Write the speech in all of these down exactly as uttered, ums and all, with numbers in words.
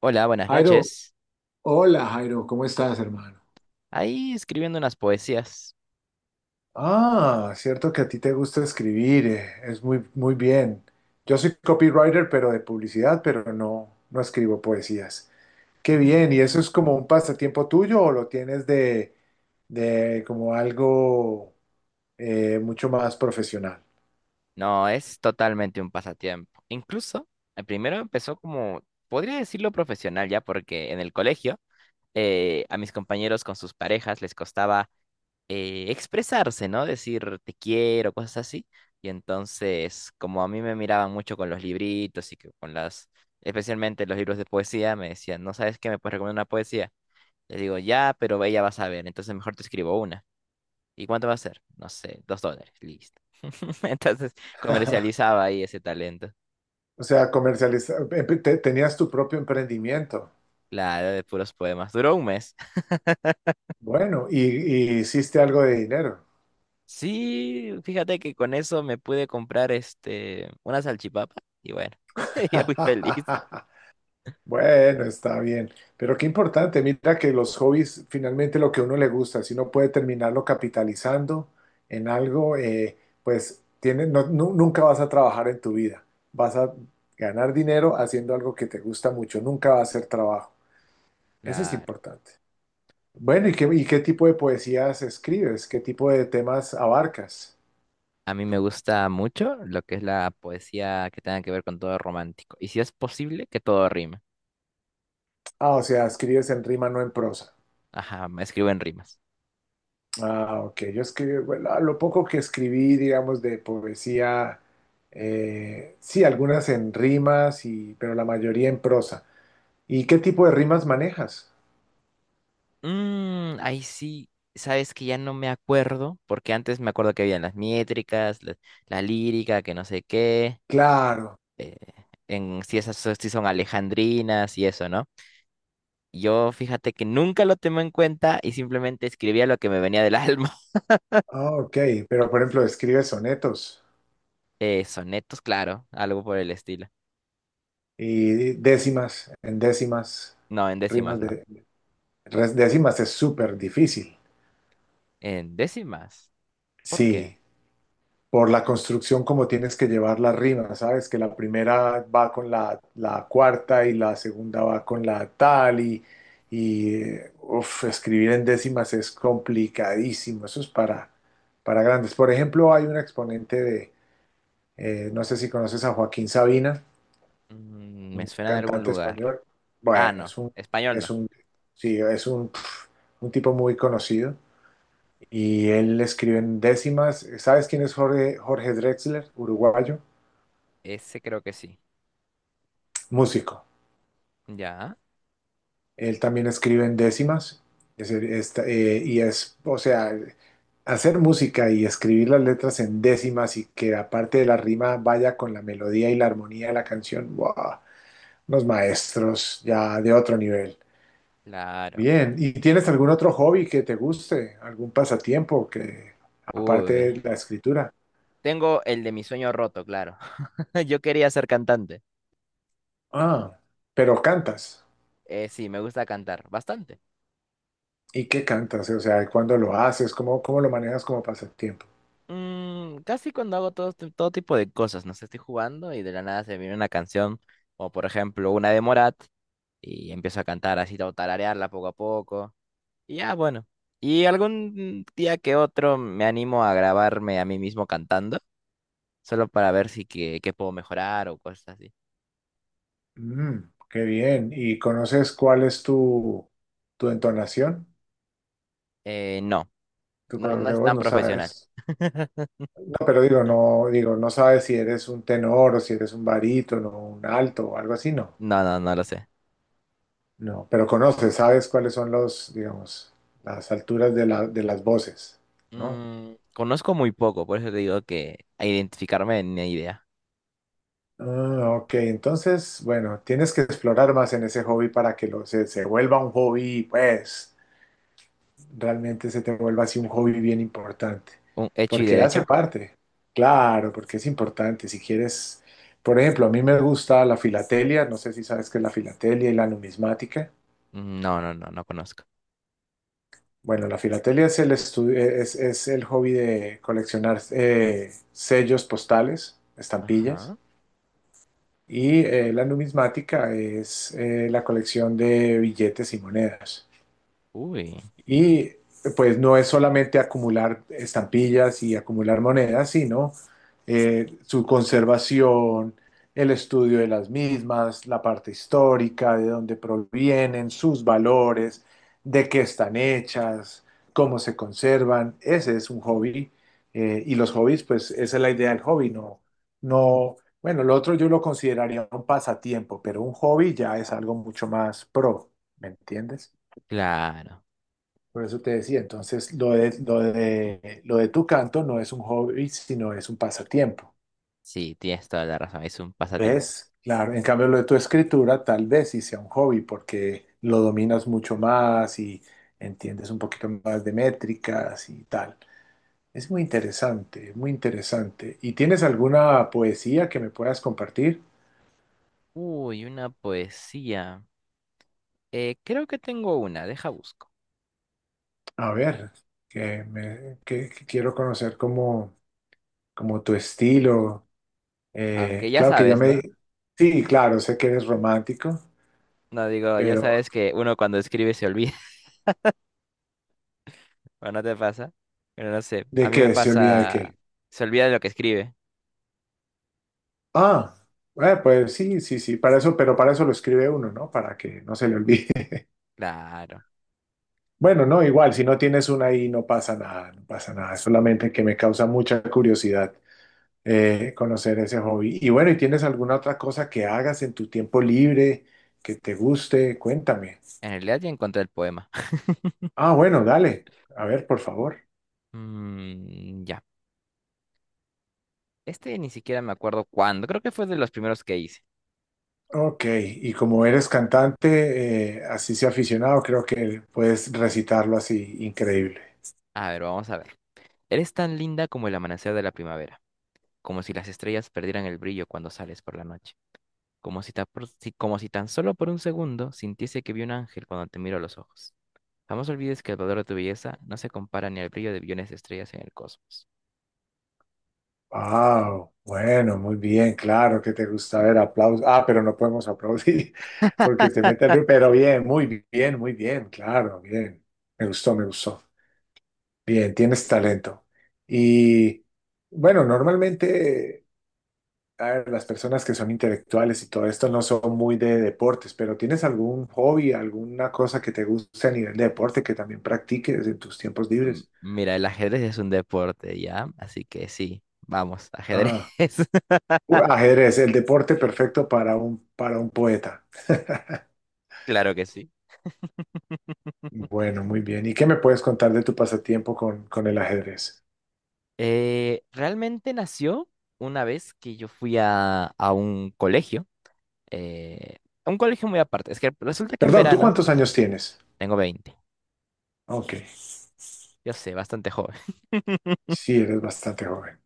Hola, buenas Jairo, noches. hola Jairo, ¿cómo estás, hermano? Ahí escribiendo unas poesías. Ah, cierto que a ti te gusta escribir, eh, es muy, muy bien. Yo soy copywriter, pero de publicidad, pero no, no escribo poesías. Qué Mm, bien, ¿y eso es como un pasatiempo tuyo o lo tienes de, de como algo, eh, mucho más profesional? No, es totalmente un pasatiempo. Incluso, eh, primero empezó como, podría decirlo profesional ya, porque en el colegio eh, a mis compañeros con sus parejas les costaba eh, expresarse, ¿no? Decir te quiero, cosas así. Y entonces, como a mí me miraban mucho con los libritos y que con las, especialmente los libros de poesía, me decían, ¿no sabes qué me puedes recomendar una poesía? Les digo, ya, pero ella va a saber, entonces mejor te escribo una. ¿Y cuánto va a ser? No sé, dos dólares, listo. Entonces comercializaba ahí ese talento. O sea, comercializar, tenías tu propio emprendimiento. Claro, de puros poemas. Duró un mes. Bueno, y, y hiciste algo de dinero. Sí, fíjate que con eso me pude comprar este una salchipapa y bueno, yo fui feliz. Bueno, está bien, pero qué importante, mira que los hobbies, finalmente lo que a uno le gusta, si uno puede terminarlo capitalizando en algo, eh, pues tiene, no- nu- nunca vas a trabajar en tu vida, vas a ganar dinero haciendo algo que te gusta mucho, nunca va a ser trabajo, eso es Claro. importante. Bueno, ¿y qué, y qué tipo de poesías escribes? ¿Qué tipo de temas abarcas? A mí me gusta mucho lo que es la poesía que tenga que ver con todo romántico. Y si es posible, que todo rime. Ah, o sea, escribes en rima, no en prosa. Ajá, me escribo en rimas. Ah, ok. Yo escribí, bueno, lo poco que escribí, digamos, de poesía, eh, sí, algunas en rimas, y, pero la mayoría en prosa. ¿Y qué tipo de rimas manejas? Mm, ahí sí, sabes que ya no me acuerdo, porque antes me acuerdo que habían las métricas, la, la lírica, que no sé qué, Claro. eh, en si esas so- si son alejandrinas y eso, ¿no? Yo fíjate que nunca lo tomé en cuenta y simplemente escribía lo que me venía del alma. Ah, ok. Pero, por ejemplo, ¿escribes sonetos Eh, sonetos, claro, algo por el estilo. y décimas, en décimas, No, en rimas décimas no. de... res- Décimas es súper difícil. En décimas. ¿Por qué? Sí. Por la construcción como tienes que llevar la rima, ¿sabes? Que la primera va con la, la cuarta y la segunda va con la tal y, y eh, uf, escribir en décimas es complicadísimo, eso es para, para grandes. Por ejemplo, hay un exponente de, eh, no sé si conoces a Joaquín Sabina, Mm, me un suena de algún cantante lugar. español. Ah, Bueno, no, es un, español es no. un, sí, es un, pf, un tipo muy conocido. Y él escribe en décimas. ¿Sabes quién es Jorge, Jorge Drexler, uruguayo? Ese creo que sí. Músico. Ya, Él también escribe en décimas es- esta- eh, y es, o sea, hacer música y escribir las letras en décimas y que aparte de la rima vaya con la melodía y la armonía de la canción, wow, unos maestros ya de otro nivel. claro. Bien, ¿y tienes algún otro hobby que te guste? ¿Algún pasatiempo que Uy. aparte de la escritura? Tengo el de mi sueño roto, claro. Yo quería ser cantante. Ah, pero cantas. Eh, sí, me gusta cantar bastante. ¿Y qué cantas? O sea, ¿cuándo lo haces? ¿Cómo, cómo lo manejas como pasatiempo? Mm, casi cuando hago todo, ti- todo tipo de cosas, no sé, estoy jugando y de la nada se me viene una canción, o por ejemplo una de Morat, y empiezo a cantar así, o tararearla poco a poco. Y ya, bueno. Y algún día que otro me animo a grabarme a mí mismo cantando, solo para ver si que, qué puedo mejorar o cosas así. Mm, qué bien. ¿Y conoces cuál es tu, tu entonación? Eh, no, Tu no, color no de es voz, tan no sabes. profesional. No, pero digo, no, digo, no sabes si eres un tenor o si eres un barítono, un alto o algo así, no. No, no, no lo sé. No, pero conoces, sabes cuáles son los, digamos, las alturas de la- de las voces, ¿no? Mm, conozco muy poco, por eso te digo que a identificarme ni idea. Ah, ok, entonces, bueno, tienes que explorar más en ese hobby para que lo, se, se vuelva un hobby, pues, realmente se te vuelva así un hobby bien importante, ¿Un hecho y porque hace derecho? parte, claro, porque es importante. Si quieres, por ejemplo, a mí me gusta la filatelia, no sé si sabes qué es la filatelia y la numismática. Mm, No, no, no, no conozco. Bueno, la filatelia es el, estu- es, es el hobby de coleccionar eh, sellos postales, estampillas, Ajá. y eh, la numismática es eh, la colección de billetes y monedas. Uy, Y pues no es solamente acumular estampillas y acumular monedas, sino eh, su conservación, el estudio de las mismas, la parte histórica, de dónde provienen, sus valores, de qué están hechas, cómo se conservan. Ese es un hobby. eh, y los hobbies, pues esa es la idea del hobby, no, no, bueno, lo otro yo lo consideraría un pasatiempo, pero un hobby ya es algo mucho más pro, ¿me entiendes? claro. Por eso te decía, entonces lo de, lo de, lo de tu canto no es un hobby, sino es un pasatiempo. Sí, tienes toda la razón, es un pasatiempo. ¿Ves? Claro, en cambio lo de tu escritura tal vez sí sea un hobby porque lo dominas mucho más y entiendes un poquito más de métricas y tal. Es muy interesante, muy interesante. ¿Y tienes alguna poesía que me puedas compartir? Uy, una poesía. Eh, creo que tengo una, deja busco. A ver, que, me, que, que quiero conocer como, como tu estilo. Aunque Eh, ya claro que ya sabes, me... ¿no? Sí, claro, sé que eres romántico, No digo, ya pero sabes que uno cuando escribe se olvida, ¿o no te pasa? Pero no sé, a ¿de mí me qué? ¿Se olvida de pasa, qué? se olvida de lo que escribe. Ah, eh, pues sí, sí, sí, para eso, pero para eso lo escribe uno, ¿no? Para que no se le olvide. Claro. Bueno, no, igual, si no tienes una ahí no pasa nada, no pasa nada, es solamente que me causa mucha curiosidad eh, conocer ese hobby. Y bueno, ¿y tienes alguna otra cosa que hagas en tu tiempo libre que te guste? Cuéntame. En realidad ya encontré el poema. Ah, bueno, dale, a ver, por favor. Mm, ya. Este ni siquiera me acuerdo cuándo, creo que fue de los primeros que hice. Ok, y como eres cantante, eh, así sea aficionado, creo que puedes recitarlo así, increíble. A ver, vamos a ver. Eres tan linda como el amanecer de la primavera, como si las estrellas perdieran el brillo cuando sales por la noche, como si, ta- por- si- como si tan solo por un segundo sintiese que vi un ángel cuando te miro a los ojos. Jamás olvides que el valor de tu belleza no se compara ni al brillo de billones de estrellas en el cosmos. Wow, bueno, muy bien, claro que te gusta ver aplausos. Ah, pero no podemos aplaudir porque te mete el ruido, pero bien, muy bien, muy bien, claro, bien. Me gustó, me gustó. Bien, tienes talento. Y bueno, normalmente. A ver, las personas que son intelectuales y todo esto no son muy de deportes, pero ¿tienes algún hobby, alguna cosa que te guste a nivel de deporte que también practiques en tus tiempos Mm, libres? Mira, el ajedrez es un deporte, ¿ya? Así que sí, vamos, ajedrez. Ah, u- ajedrez, el deporte perfecto para un, para un poeta. Claro que sí. Bueno, muy bien. ¿Y qué me puedes contar de tu pasatiempo con, con el ajedrez? Eh, realmente nació una vez que yo fui a, a un colegio, eh, a un colegio muy aparte. Es que resulta que en Perdón, ¿tú verano cuántos años tienes? tengo veinte. Ok, Yo sé, bastante joven. sí, eres bastante joven.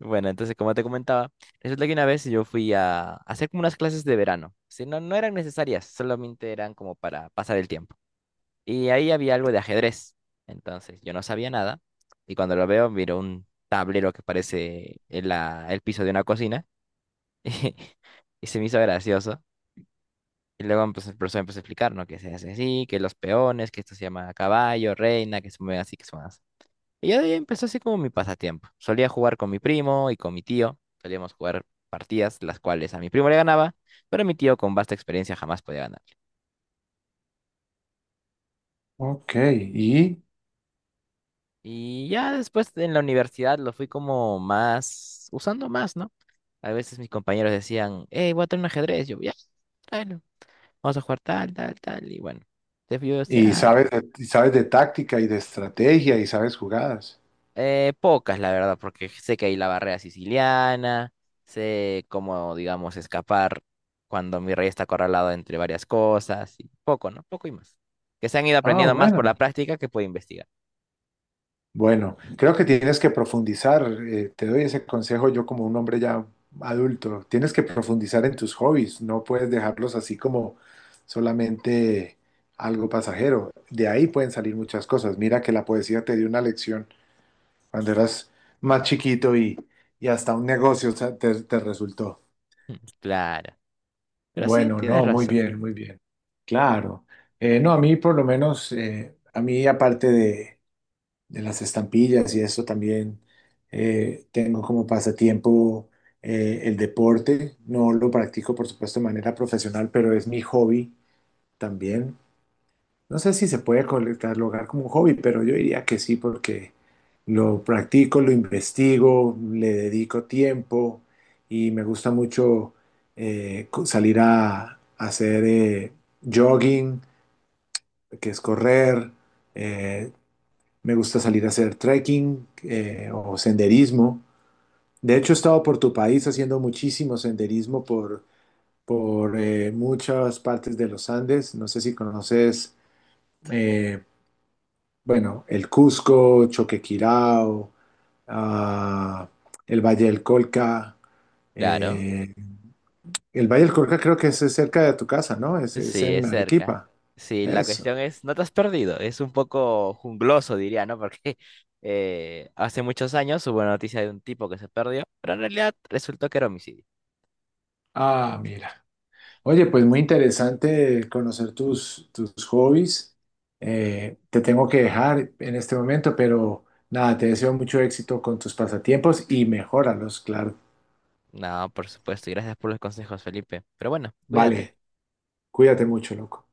Bueno, entonces como te comentaba, resulta que una vez yo fui a, hacer como unas clases de verano. Sí, no, no eran necesarias, solamente eran como para pasar el tiempo. Y ahí había algo de ajedrez, entonces yo no sabía nada y cuando lo veo miro un tablero que parece el, la- el piso de una cocina y se me hizo gracioso. Y luego pues, el profesor empezó a explicar, ¿no? Que se hace así, que los peones, que esto se llama caballo, reina, que se mueve así, que se mueve así. Y ya de ahí empezó así como mi pasatiempo. Solía jugar con mi primo y con mi tío. Solíamos jugar partidas, las cuales a mi primo le ganaba, pero mi tío con vasta experiencia jamás podía ganar. Ok, y, Y ya después en la universidad lo fui como más, usando más, ¿no? A veces mis compañeros decían, hey, voy a traer un ajedrez. Yo, ya, tráelo. Vamos a jugar tal, tal, tal. Y bueno, entonces yo decía, y "Ah, sabes, de- y sabes de táctica y de estrategia y sabes jugadas. Eh, pocas, la verdad, porque sé que hay la barrera siciliana, sé cómo, digamos, escapar cuando mi rey está acorralado entre varias cosas, y poco, ¿no? Poco y más. Que se han ido Ah, aprendiendo más por bueno. la práctica que puede investigar. Bueno, creo que tienes que profundizar, eh, te doy ese consejo yo como un hombre ya adulto, tienes que profundizar en tus hobbies, no puedes dejarlos así como solamente algo pasajero, de ahí pueden salir muchas cosas, mira que la poesía te dio una lección cuando eras más chiquito y, y hasta un negocio, o sea, te, te resultó. Mm, claro. Pero sí, Bueno, tienes no, muy razón. bien, muy bien, claro. Eh, no, a mí por lo menos, eh, a mí aparte de de las estampillas y eso también, eh, tengo como pasatiempo eh, el deporte. No lo practico, por supuesto, de manera profesional, pero es mi hobby también. No sé si se puede col- catalogar como un hobby, pero yo diría que sí, porque lo practico, lo investigo, le dedico tiempo y me gusta mucho eh, co- salir a, a hacer eh, jogging, que es correr. eh, me gusta salir a hacer trekking eh, o senderismo. De hecho, he estado por tu país haciendo muchísimo senderismo por, por eh, muchas partes de los Andes. No sé si conoces, eh, bueno, el Cusco, Choquequirao, ah, el Valle del Colca. Claro. eh, el Valle del Colca creo que es cerca de tu casa, ¿no? Es, es Sí, en es cerca. Arequipa. Sí, la Eso. cuestión es, no te has perdido. Es un poco jungloso, diría, ¿no? Porque eh, hace muchos años hubo una noticia de un tipo que se perdió, pero en realidad resultó que era homicidio. Ah, mira. Oye, pues muy interesante conocer tus, tus hobbies. Eh, te tengo que dejar en este momento, pero nada, te deseo mucho éxito con tus pasatiempos y mejóralos, claro. No, por supuesto. Y gracias por los consejos, Felipe. Pero bueno, cuídate. Vale, cuídate mucho, loco.